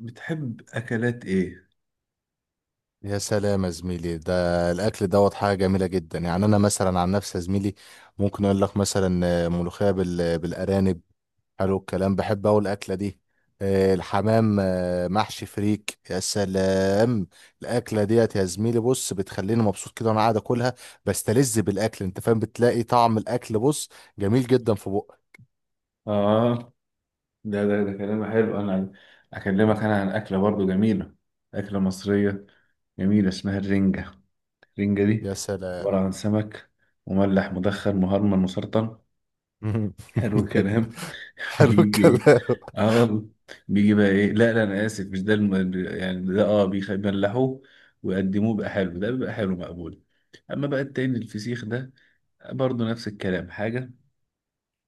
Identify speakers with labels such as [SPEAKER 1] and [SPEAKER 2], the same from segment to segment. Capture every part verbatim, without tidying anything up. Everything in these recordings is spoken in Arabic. [SPEAKER 1] بتحب أكلات إيه؟
[SPEAKER 2] يا سلام يا زميلي. ده الاكل دوت حاجه جميله جدا. يعني انا مثلا عن نفسي يا زميلي، ممكن اقول لك مثلا آه، ملوخيه بال- بالارانب. حلو الكلام، بحب اوي الاكله دي. آه، الحمام، آه، محشي فريك، يا سلام. الاكله ديت يا زميلي بص بتخليني مبسوط كده وانا قاعد اكلها. بستلذ بالاكل انت فاهم، بتلاقي طعم الاكل بص جميل جدا في بقك.
[SPEAKER 1] آه، ده ده ده كلام حلو. انا اكلمك انا عن اكله برضو جميله، اكله مصريه جميله اسمها الرنجه. الرنجه دي
[SPEAKER 2] يا
[SPEAKER 1] عباره
[SPEAKER 2] سلام.
[SPEAKER 1] عن سمك مملح مدخن مهرمن مسرطن. حلو الكلام.
[SPEAKER 2] حلو
[SPEAKER 1] بيجي ايه؟
[SPEAKER 2] الكلام.
[SPEAKER 1] اه والله. بيجي بقى ايه؟ لا لا، انا اسف، مش ده الم... يعني ده اه بيخ- بيملحوه ويقدموه بقى. حلو ده، بيبقى حلو مقبول. اما بقى التاني الفسيخ ده برضو نفس الكلام، حاجه،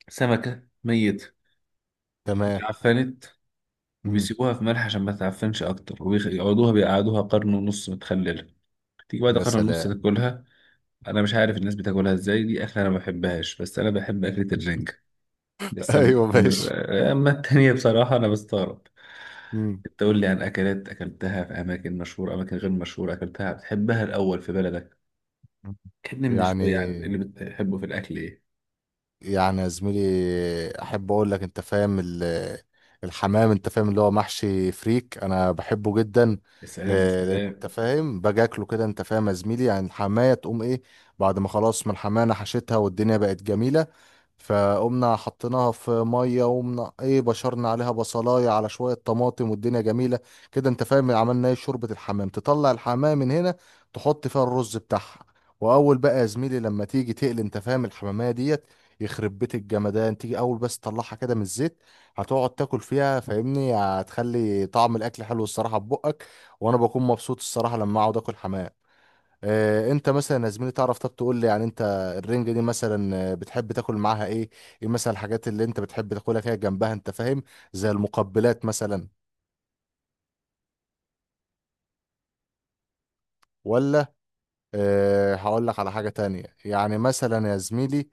[SPEAKER 1] سمكه ميت
[SPEAKER 2] تمام.
[SPEAKER 1] اتعفنت،
[SPEAKER 2] مم.
[SPEAKER 1] وبيسيبوها في ملح عشان ما تعفنش اكتر، وبيقعدوها بيقعدوها قرن ونص متخلله. تيجي بعد
[SPEAKER 2] يا
[SPEAKER 1] قرن ونص
[SPEAKER 2] سلام.
[SPEAKER 1] تاكلها. انا مش عارف الناس بتاكلها ازاي، دي اكله انا ما بحبهاش، بس انا بحب اكله الرنجة. بس أم-
[SPEAKER 2] ايوه ماشي.
[SPEAKER 1] اما التانية بصراحه انا بستغرب. انت قول لي عن اكلات اكلتها في اماكن مشهوره، اماكن غير مشهوره، اكلتها بتحبها الاول في بلدك. كلمني من شويه عن
[SPEAKER 2] يعني
[SPEAKER 1] اللي بتحبه في الاكل ايه.
[SPEAKER 2] يعني يا زميلي، احب اقول لك انت فاهم ال- الحمام انت فاهم اللي هو محشي فريك انا بحبه جدا.
[SPEAKER 1] يا
[SPEAKER 2] ل-
[SPEAKER 1] سلام يا
[SPEAKER 2] لان
[SPEAKER 1] سلام.
[SPEAKER 2] انت فاهم باجي اكله كده انت فاهم يا زميلي، يعني الحمايه تقوم ايه. بعد ما خلاص من الحمايه انا حشيتها والدنيا بقت جميله. فقمنا حطيناها في ميه وقمنا ايه بشرنا عليها بصلايه على شويه طماطم والدنيا جميله كده. انت فاهم عملنا ايه شوربه الحمام، تطلع الحمام من هنا تحط فيها الرز بتاعها. واول بقى يا زميلي لما تيجي تقلي انت فاهم الحماميه ديت، يخرب بيت الجمدان، تيجي اول بس تطلعها كده من الزيت هتقعد تاكل فيها، فاهمني هتخلي طعم الاكل حلو الصراحه في بقك. وانا بكون مبسوط الصراحه لما اقعد اكل حمام. آه، انت مثلا يا زميلي تعرف، طب تقول لي يعني انت الرنجه دي مثلا آه، بتحب تاكل معاها ايه؟ ايه مثلا الحاجات اللي انت بتحب تاكلها كده جنبها انت فاهم؟ زي المقبلات مثلا؟ ولا؟ أه هقول لك على حاجه تانية. يعني مثلا يا زميلي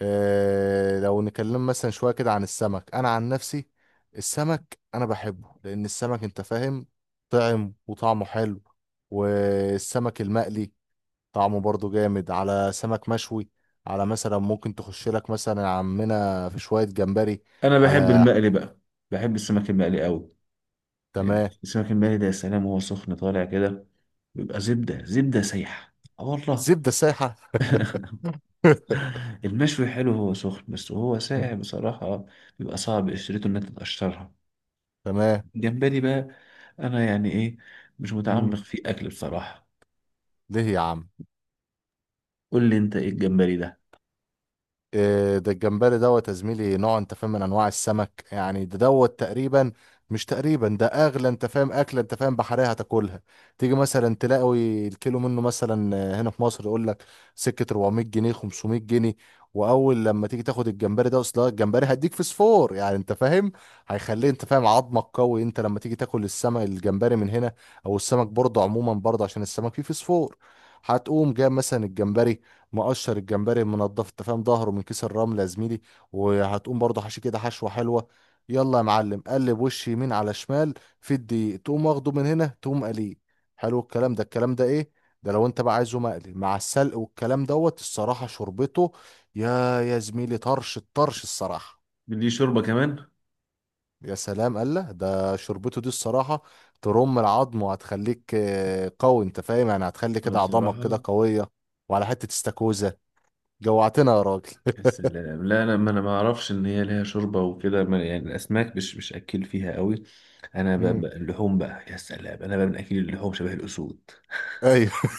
[SPEAKER 2] آه، لو نتكلم مثلا شوية كده عن السمك، أنا عن نفسي السمك أنا بحبه لأن السمك أنت فاهم طعم وطعمه حلو. والسمك المقلي طعمه برضه جامد، على سمك مشوي، على مثلا ممكن تخش لك مثلا يا عمنا في شوية جمبري
[SPEAKER 1] انا بحب
[SPEAKER 2] على.
[SPEAKER 1] المقلي بقى، بحب السمك المقلي قوي.
[SPEAKER 2] تمام.
[SPEAKER 1] السمك المقلي ده يا سلام، وهو سخن طالع كده بيبقى زبدة زبدة سايحة. اه والله.
[SPEAKER 2] زبدة سايحة.
[SPEAKER 1] المشوي حلو هو سخن بس، وهو ساقع بصراحة بيبقى صعب قشرته إنها تتقشرها.
[SPEAKER 2] تمام.
[SPEAKER 1] الجمبري بقى، أنا يعني إيه، مش متعمق
[SPEAKER 2] مم.
[SPEAKER 1] في أكل بصراحة.
[SPEAKER 2] ليه يا عم؟
[SPEAKER 1] قول لي أنت إيه الجمبري ده؟
[SPEAKER 2] إيه ده الجمبري دوت يا زميلي؟ نوع انت فاهم من انواع السمك، يعني ده دوت تقريبا، مش تقريبا ده اغلى انت فاهم اكله انت فاهم بحريه هتاكلها. تيجي مثلا تلاقي الكيلو منه مثلا آه، هنا في مصر يقول لك سكه اربعمية جنيه خمسمئة جنيه. واول لما تيجي تاخد الجمبري ده، اصلا الجمبري هيديك فسفور يعني انت فاهم، هيخليه انت فاهم عظمك قوي. انت لما تيجي تاكل السمك الجمبري من هنا او السمك برضه عموما برضه عشان السمك فيه فسفور، هتقوم جايب مثلا الجمبري مقشر، الجمبري المنضف انت فاهم ظهره من كيس الرمل يا زميلي، وهتقوم برضه حشي كده حشوه حلوه. يلا يا معلم، قلب وش يمين على شمال في الدقيق، تقوم واخده من هنا تقوم قليه. حلو الكلام. ده الكلام ده ايه؟ ده لو انت بقى عايزه مقلي مع السلق والكلام دوت، الصراحه شربته يا يا زميلي، طرش الطرش الصراحه.
[SPEAKER 1] ليه شوربة كمان؟
[SPEAKER 2] يا سلام قال ده، شربته دي الصراحه ترم العظم، وهتخليك آه، قوي انت فاهم، يعني هتخلي
[SPEAKER 1] أنا
[SPEAKER 2] كده عظامك كده
[SPEAKER 1] بصراحة،
[SPEAKER 2] قويه. وعلى حته استاكوزا، جوعتنا يا راجل.
[SPEAKER 1] يا سلام، لا أنا ما أنا ما أعرفش إن هي ليها شوربة وكده ما- يعني الأسماك مش مش أكل فيها قوي. أنا بقى
[SPEAKER 2] امم.
[SPEAKER 1] بقى اللحوم بقى، يا سلام، أنا بقى من أكل اللحوم شبه الأسود.
[SPEAKER 2] ايوه.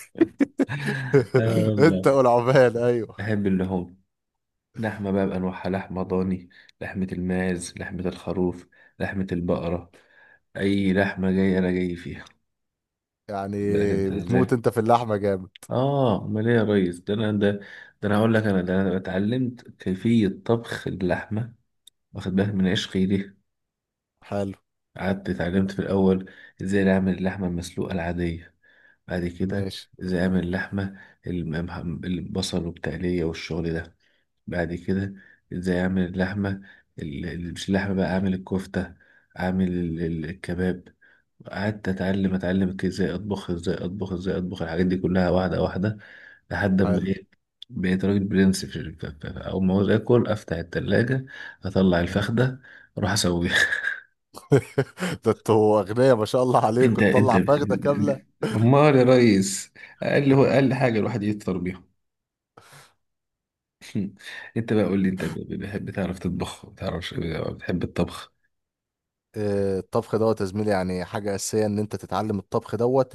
[SPEAKER 1] آه
[SPEAKER 2] انت
[SPEAKER 1] والله،
[SPEAKER 2] والعمال ايوه.
[SPEAKER 1] بحب اللحوم. لحمة بقى بأنواعها، لحمة ضاني، لحمة الماعز، لحمة الخروف، لحمة البقرة، أي لحمة جاية أنا جاي فيها.
[SPEAKER 2] يعني
[SPEAKER 1] خد بالك أنت
[SPEAKER 2] بتموت
[SPEAKER 1] إزاي؟
[SPEAKER 2] انت في اللحمه جامد.
[SPEAKER 1] آه، أمال إيه يا ريس؟ ده أنا ده, ده أنا هقول لك، أنا ده أنا اتعلمت كيفية طبخ اللحمة، واخد بالك من عشقي ليه.
[SPEAKER 2] حلو.
[SPEAKER 1] قعدت اتعلمت في الأول إزاي أعمل اللحمة المسلوقة العادية. بعد كده
[SPEAKER 2] ماشي.
[SPEAKER 1] إزاي أعمل اللحمة، الم- البصل والتقلية والشغل ده. بعد كده ازاي اعمل اللحمه، ال- ال- مش اللحمه بقى اعمل الكفته، اعمل ال- ال- الكباب. قعدت اتعلم اتعلم ك- ازاي اطبخ ازاي اطبخ ازاي اطبخ الحاجات دي كلها واحده واحده لحد ما
[SPEAKER 2] حلو.
[SPEAKER 1] ايه، بقيت راجل برنس. في ال- ف- ف- اول ما عاوز اكل افتح التلاجة، اطلع
[SPEAKER 2] مم.
[SPEAKER 1] الفخده، اروح اسويها.
[SPEAKER 2] ده انتوا اغنياء ما شاء الله
[SPEAKER 1] انت
[SPEAKER 2] عليكم
[SPEAKER 1] انت
[SPEAKER 2] تطلع
[SPEAKER 1] بت-
[SPEAKER 2] فخده كامله.
[SPEAKER 1] امال يا ريس، اقل هو اقل حاجه الواحد يفطر بيها. انت بقى قول لي انت، ب- ب- بتحب تعرف تطبخ؟ بتعرف بتحب الطبخ؟
[SPEAKER 2] آه، الطبخ دوت يا زميلي يعني حاجه اساسيه ان انت تتعلم الطبخ دوت.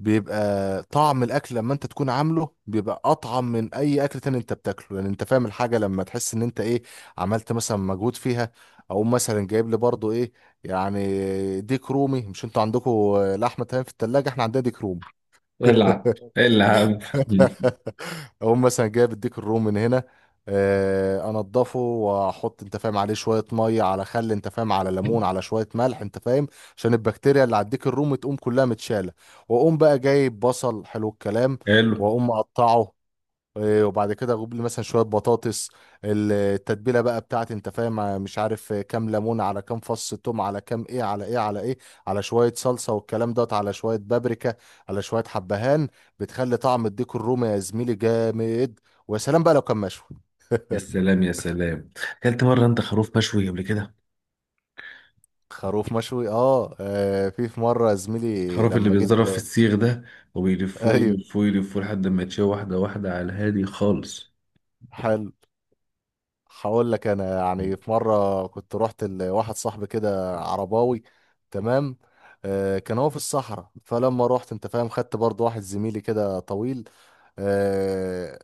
[SPEAKER 2] بيبقى طعم الاكل لما انت تكون عامله بيبقى اطعم من اي اكل تاني انت بتاكله، يعني انت فاهم الحاجه لما تحس ان انت ايه عملت مثلا مجهود فيها. او مثلا جايب لي برضو ايه، يعني ديك رومي مش انتوا عندكم لحمه؟ تمام. في التلاجة احنا عندنا ديك رومي.
[SPEAKER 1] العب العب.
[SPEAKER 2] اقوم مثلا جايب الديك الروم من هنا، آه، انضفه واحط انت فاهم عليه شويه ميه على خل انت فاهم على ليمون على شويه ملح انت فاهم عشان البكتيريا اللي على الديك الروم تقوم كلها متشاله. واقوم بقى جايب بصل، حلو الكلام،
[SPEAKER 1] حلو.
[SPEAKER 2] واقوم مقطعه. إيه، وبعد كده اجيب لي مثلا شويه بطاطس. ال- التتبيله بقى بتاعتي انت فاهم آه، مش عارف آه، كام ليمون على كام فص ثوم على كام ايه على ايه على ايه، على شويه صلصه والكلام دوت، على شويه بابريكا، على شويه حبهان. بتخلي طعم الديك الرومي يا زميلي جامد. ويا سلام بقى لو كان مشوي.
[SPEAKER 1] يا سلام يا سلام. اكلت مره انت خروف مشوي قبل كده؟
[SPEAKER 2] خروف مشوي، اه آه، في في مره يا زميلي
[SPEAKER 1] الخروف اللي
[SPEAKER 2] لما جيت
[SPEAKER 1] بيتضرب في
[SPEAKER 2] آه،
[SPEAKER 1] السيخ ده، وبيلفوه
[SPEAKER 2] ايوه
[SPEAKER 1] يلفوه يلفوه لحد ما يتشوي واحده واحده على الهادي خالص.
[SPEAKER 2] حلو. هقول لك انا، يعني في مره كنت رحت لواحد صاحبي كده عرباوي. تمام. آه كان هو في الصحراء. فلما رحت انت فاهم، خدت برضو واحد زميلي كده طويل. آه،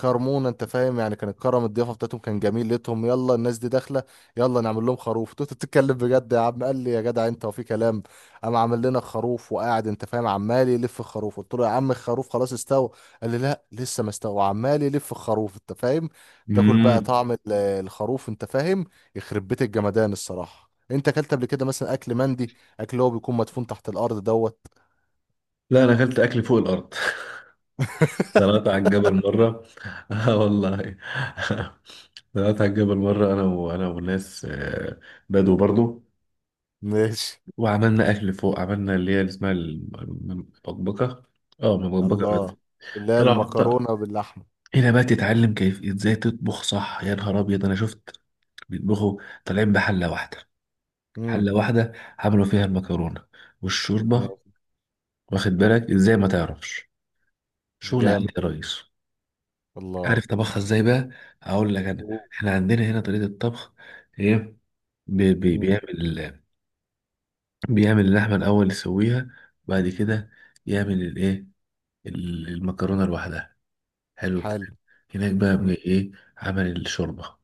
[SPEAKER 2] كرمونا انت فاهم، يعني كان الكرم الضيافه بتاعتهم كان جميل. لقيتهم يلا الناس دي داخله، يلا نعمل لهم خروف. انت بتتكلم بجد يا عم؟ قال لي يا جدع انت، وفي كلام. قام عامل لنا خروف وقاعد انت فاهم عمال يلف الخروف. قلت له يا عم الخروف خلاص استوى. قال لي لا لسه ما استوى، وعمال يلف الخروف انت فاهم. تاكل بقى
[SPEAKER 1] امم.
[SPEAKER 2] طعم ال- الخروف انت فاهم، يخرب بيت الجمدان الصراحه. انت اكلت قبل كده مثلا اكل مندي؟ اكل اللي هو بيكون مدفون تحت الارض دوت.
[SPEAKER 1] لا انا اكلت اكل فوق الارض. طلعت على الجبل مره. اه والله. طلعت على الجبل مره، انا وانا وناس آه، بدو برضو.
[SPEAKER 2] ماشي.
[SPEAKER 1] وعملنا اكل فوق، عملنا اللي هي اللي اسمها الم- المبكبكه. اه المبكبكه بس.
[SPEAKER 2] الله. اللي هي
[SPEAKER 1] طلعوا
[SPEAKER 2] المكرونه باللحمه.
[SPEAKER 1] هنا بقى تتعلم كيف ازاي تطبخ صح. يا نهار ابيض انا شفت بيطبخوا طالعين بحله واحده،
[SPEAKER 2] امم.
[SPEAKER 1] حله واحده عملوا فيها المكرونه والشوربه. واخد بالك ازاي ما تعرفش؟ شغل عالي
[SPEAKER 2] جامد.
[SPEAKER 1] يا ريس.
[SPEAKER 2] الله.
[SPEAKER 1] عارف طبخها ازاي بقى؟ اقول لك انا.
[SPEAKER 2] أوه.
[SPEAKER 1] احنا عندنا هنا طريقه الطبخ ايه، بي بي
[SPEAKER 2] مم.
[SPEAKER 1] بيعمل بيعمل اللحمه الاول يسويها، وبعد كده يعمل الايه، المكرونه لوحدها. حلو الكلام.
[SPEAKER 2] حلو.
[SPEAKER 1] هناك بقى
[SPEAKER 2] مم.
[SPEAKER 1] بي- ايه، عمل الشوربه.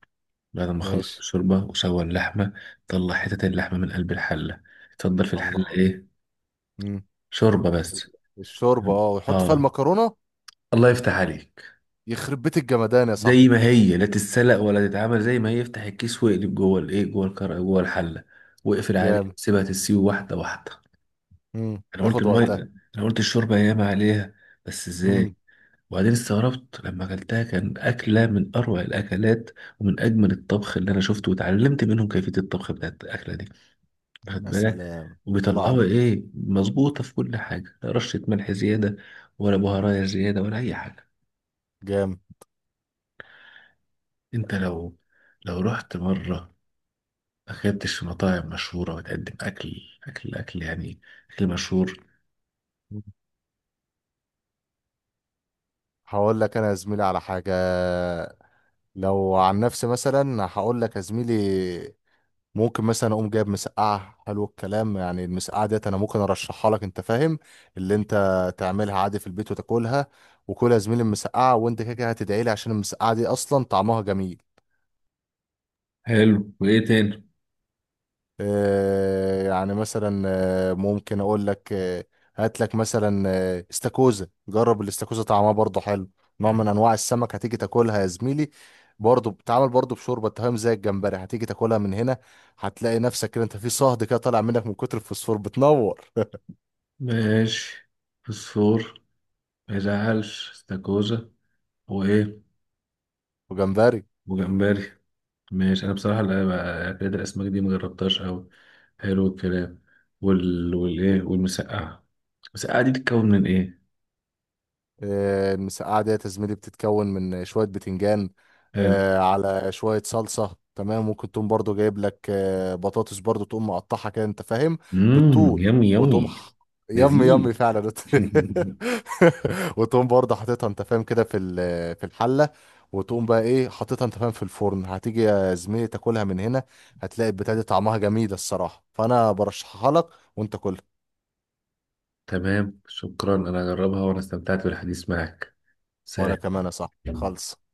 [SPEAKER 1] بعد ما خلص
[SPEAKER 2] ماشي.
[SPEAKER 1] الشوربة وسوى اللحمة طلع حتة اللحمة من قلب الحلة، اتفضل في الحلة
[SPEAKER 2] الله.
[SPEAKER 1] ايه،
[SPEAKER 2] مم.
[SPEAKER 1] شوربة بس.
[SPEAKER 2] الشوربة اه، ويحط فيها
[SPEAKER 1] اه،
[SPEAKER 2] المكرونة.
[SPEAKER 1] الله يفتح عليك.
[SPEAKER 2] يخرب بيت الجمدان يا
[SPEAKER 1] زي
[SPEAKER 2] صاحبي.
[SPEAKER 1] ما هي لا تتسلق ولا تتعمل، زي ما هي افتح الكيس واقلب جوه الايه، جوه الكر جوه الحلة، واقفل عليه
[SPEAKER 2] جامد.
[SPEAKER 1] سيبها تسيب واحدة واحدة.
[SPEAKER 2] مم.
[SPEAKER 1] انا قلت
[SPEAKER 2] تاخد
[SPEAKER 1] المية،
[SPEAKER 2] وقتها.
[SPEAKER 1] انا قلت الشوربة ياما عليها، بس ازاي.
[SPEAKER 2] مم.
[SPEAKER 1] وبعدين استغربت لما اكلتها، كان اكله من اروع الاكلات، ومن اجمل الطبخ اللي انا شفته، وتعلمت منهم كيفيه الطبخ بتاعت الاكله دي. واخد
[SPEAKER 2] يا
[SPEAKER 1] بالك،
[SPEAKER 2] سلام. الله
[SPEAKER 1] وبيطلعوا
[SPEAKER 2] عليك.
[SPEAKER 1] ايه مظبوطة في كل حاجة، لا رشة ملح زيادة، ولا بهارات زيادة، ولا أي حاجة.
[SPEAKER 2] جامد.
[SPEAKER 1] انت لو، لو رحت مرة ما اكلتش في مطاعم مشهورة وتقدم أكل أكل أكل يعني أكل مشهور.
[SPEAKER 2] مم. هقول لك انا يا زميلي على حاجة. لو عن نفسي مثلا هقول لك يا زميلي، ممكن مثلا اقوم جايب مسقعه، حلو الكلام، يعني المسقعه ديت انا ممكن ارشحها لك انت فاهم، اللي انت تعملها عادي في البيت وتاكلها. وكلها يا زميلي المسقعه، وانت كده كده هتدعي لي عشان المسقعه دي اصلا طعمها جميل.
[SPEAKER 1] حلو، وإيه تاني؟
[SPEAKER 2] آه يعني مثلا آه، ممكن اقول لك آه، هات لك مثلا آه، استاكوزا. جرب الاستاكوزا طعمها برضه حلو، نوع من انواع السمك. هتيجي تاكلها يا زميلي برضه بتتعمل برضه بشوربه أنت فاهم زي الجمبري. هتيجي تاكلها من هنا هتلاقي نفسك كده انت في صهد كده طالع منك من كتر الفوسفور بتنور.
[SPEAKER 1] ماشي. فسفور. ما يزعلش استاكوزا. وإيه؟
[SPEAKER 2] وجمبري.
[SPEAKER 1] وجمبري. ماشي، أنا بصراحة لا بقى- أكلات الأسماك دي مجربتهاش أوي. حلو الكلام. وال... والإيه، والمسقعة. المسقعة دي بتتكون من إيه؟
[SPEAKER 2] آه، المسقعة ديت يا زميلي بتتكون من شوية بتنجان،
[SPEAKER 1] حلو.
[SPEAKER 2] آه، على شوية صلصة. تمام. ممكن تقوم برضو جايب لك آه، بطاطس برضو تقوم مقطعها كده انت فاهم
[SPEAKER 1] امم
[SPEAKER 2] بالطول.
[SPEAKER 1] يمي
[SPEAKER 2] وتقوم
[SPEAKER 1] يمي.
[SPEAKER 2] ح- يم
[SPEAKER 1] لذيذ.
[SPEAKER 2] يم فعلا. وتقوم برضه حاططها انت فاهم كده في ال- في الحلة، وتقوم بقى ايه حاططها انت فاهم في الفرن. هتيجي يا زميلي تاكلها من هنا، هتلاقي البتاعة دي طعمها جميل الصراحة، فانا برشحها لك. وانت كلها.
[SPEAKER 1] تمام، شكرا، انا هجربها، وانا استمتعت بالحديث معك.
[SPEAKER 2] وانا
[SPEAKER 1] سلام.
[SPEAKER 2] كمان يا صاحبي، خلص.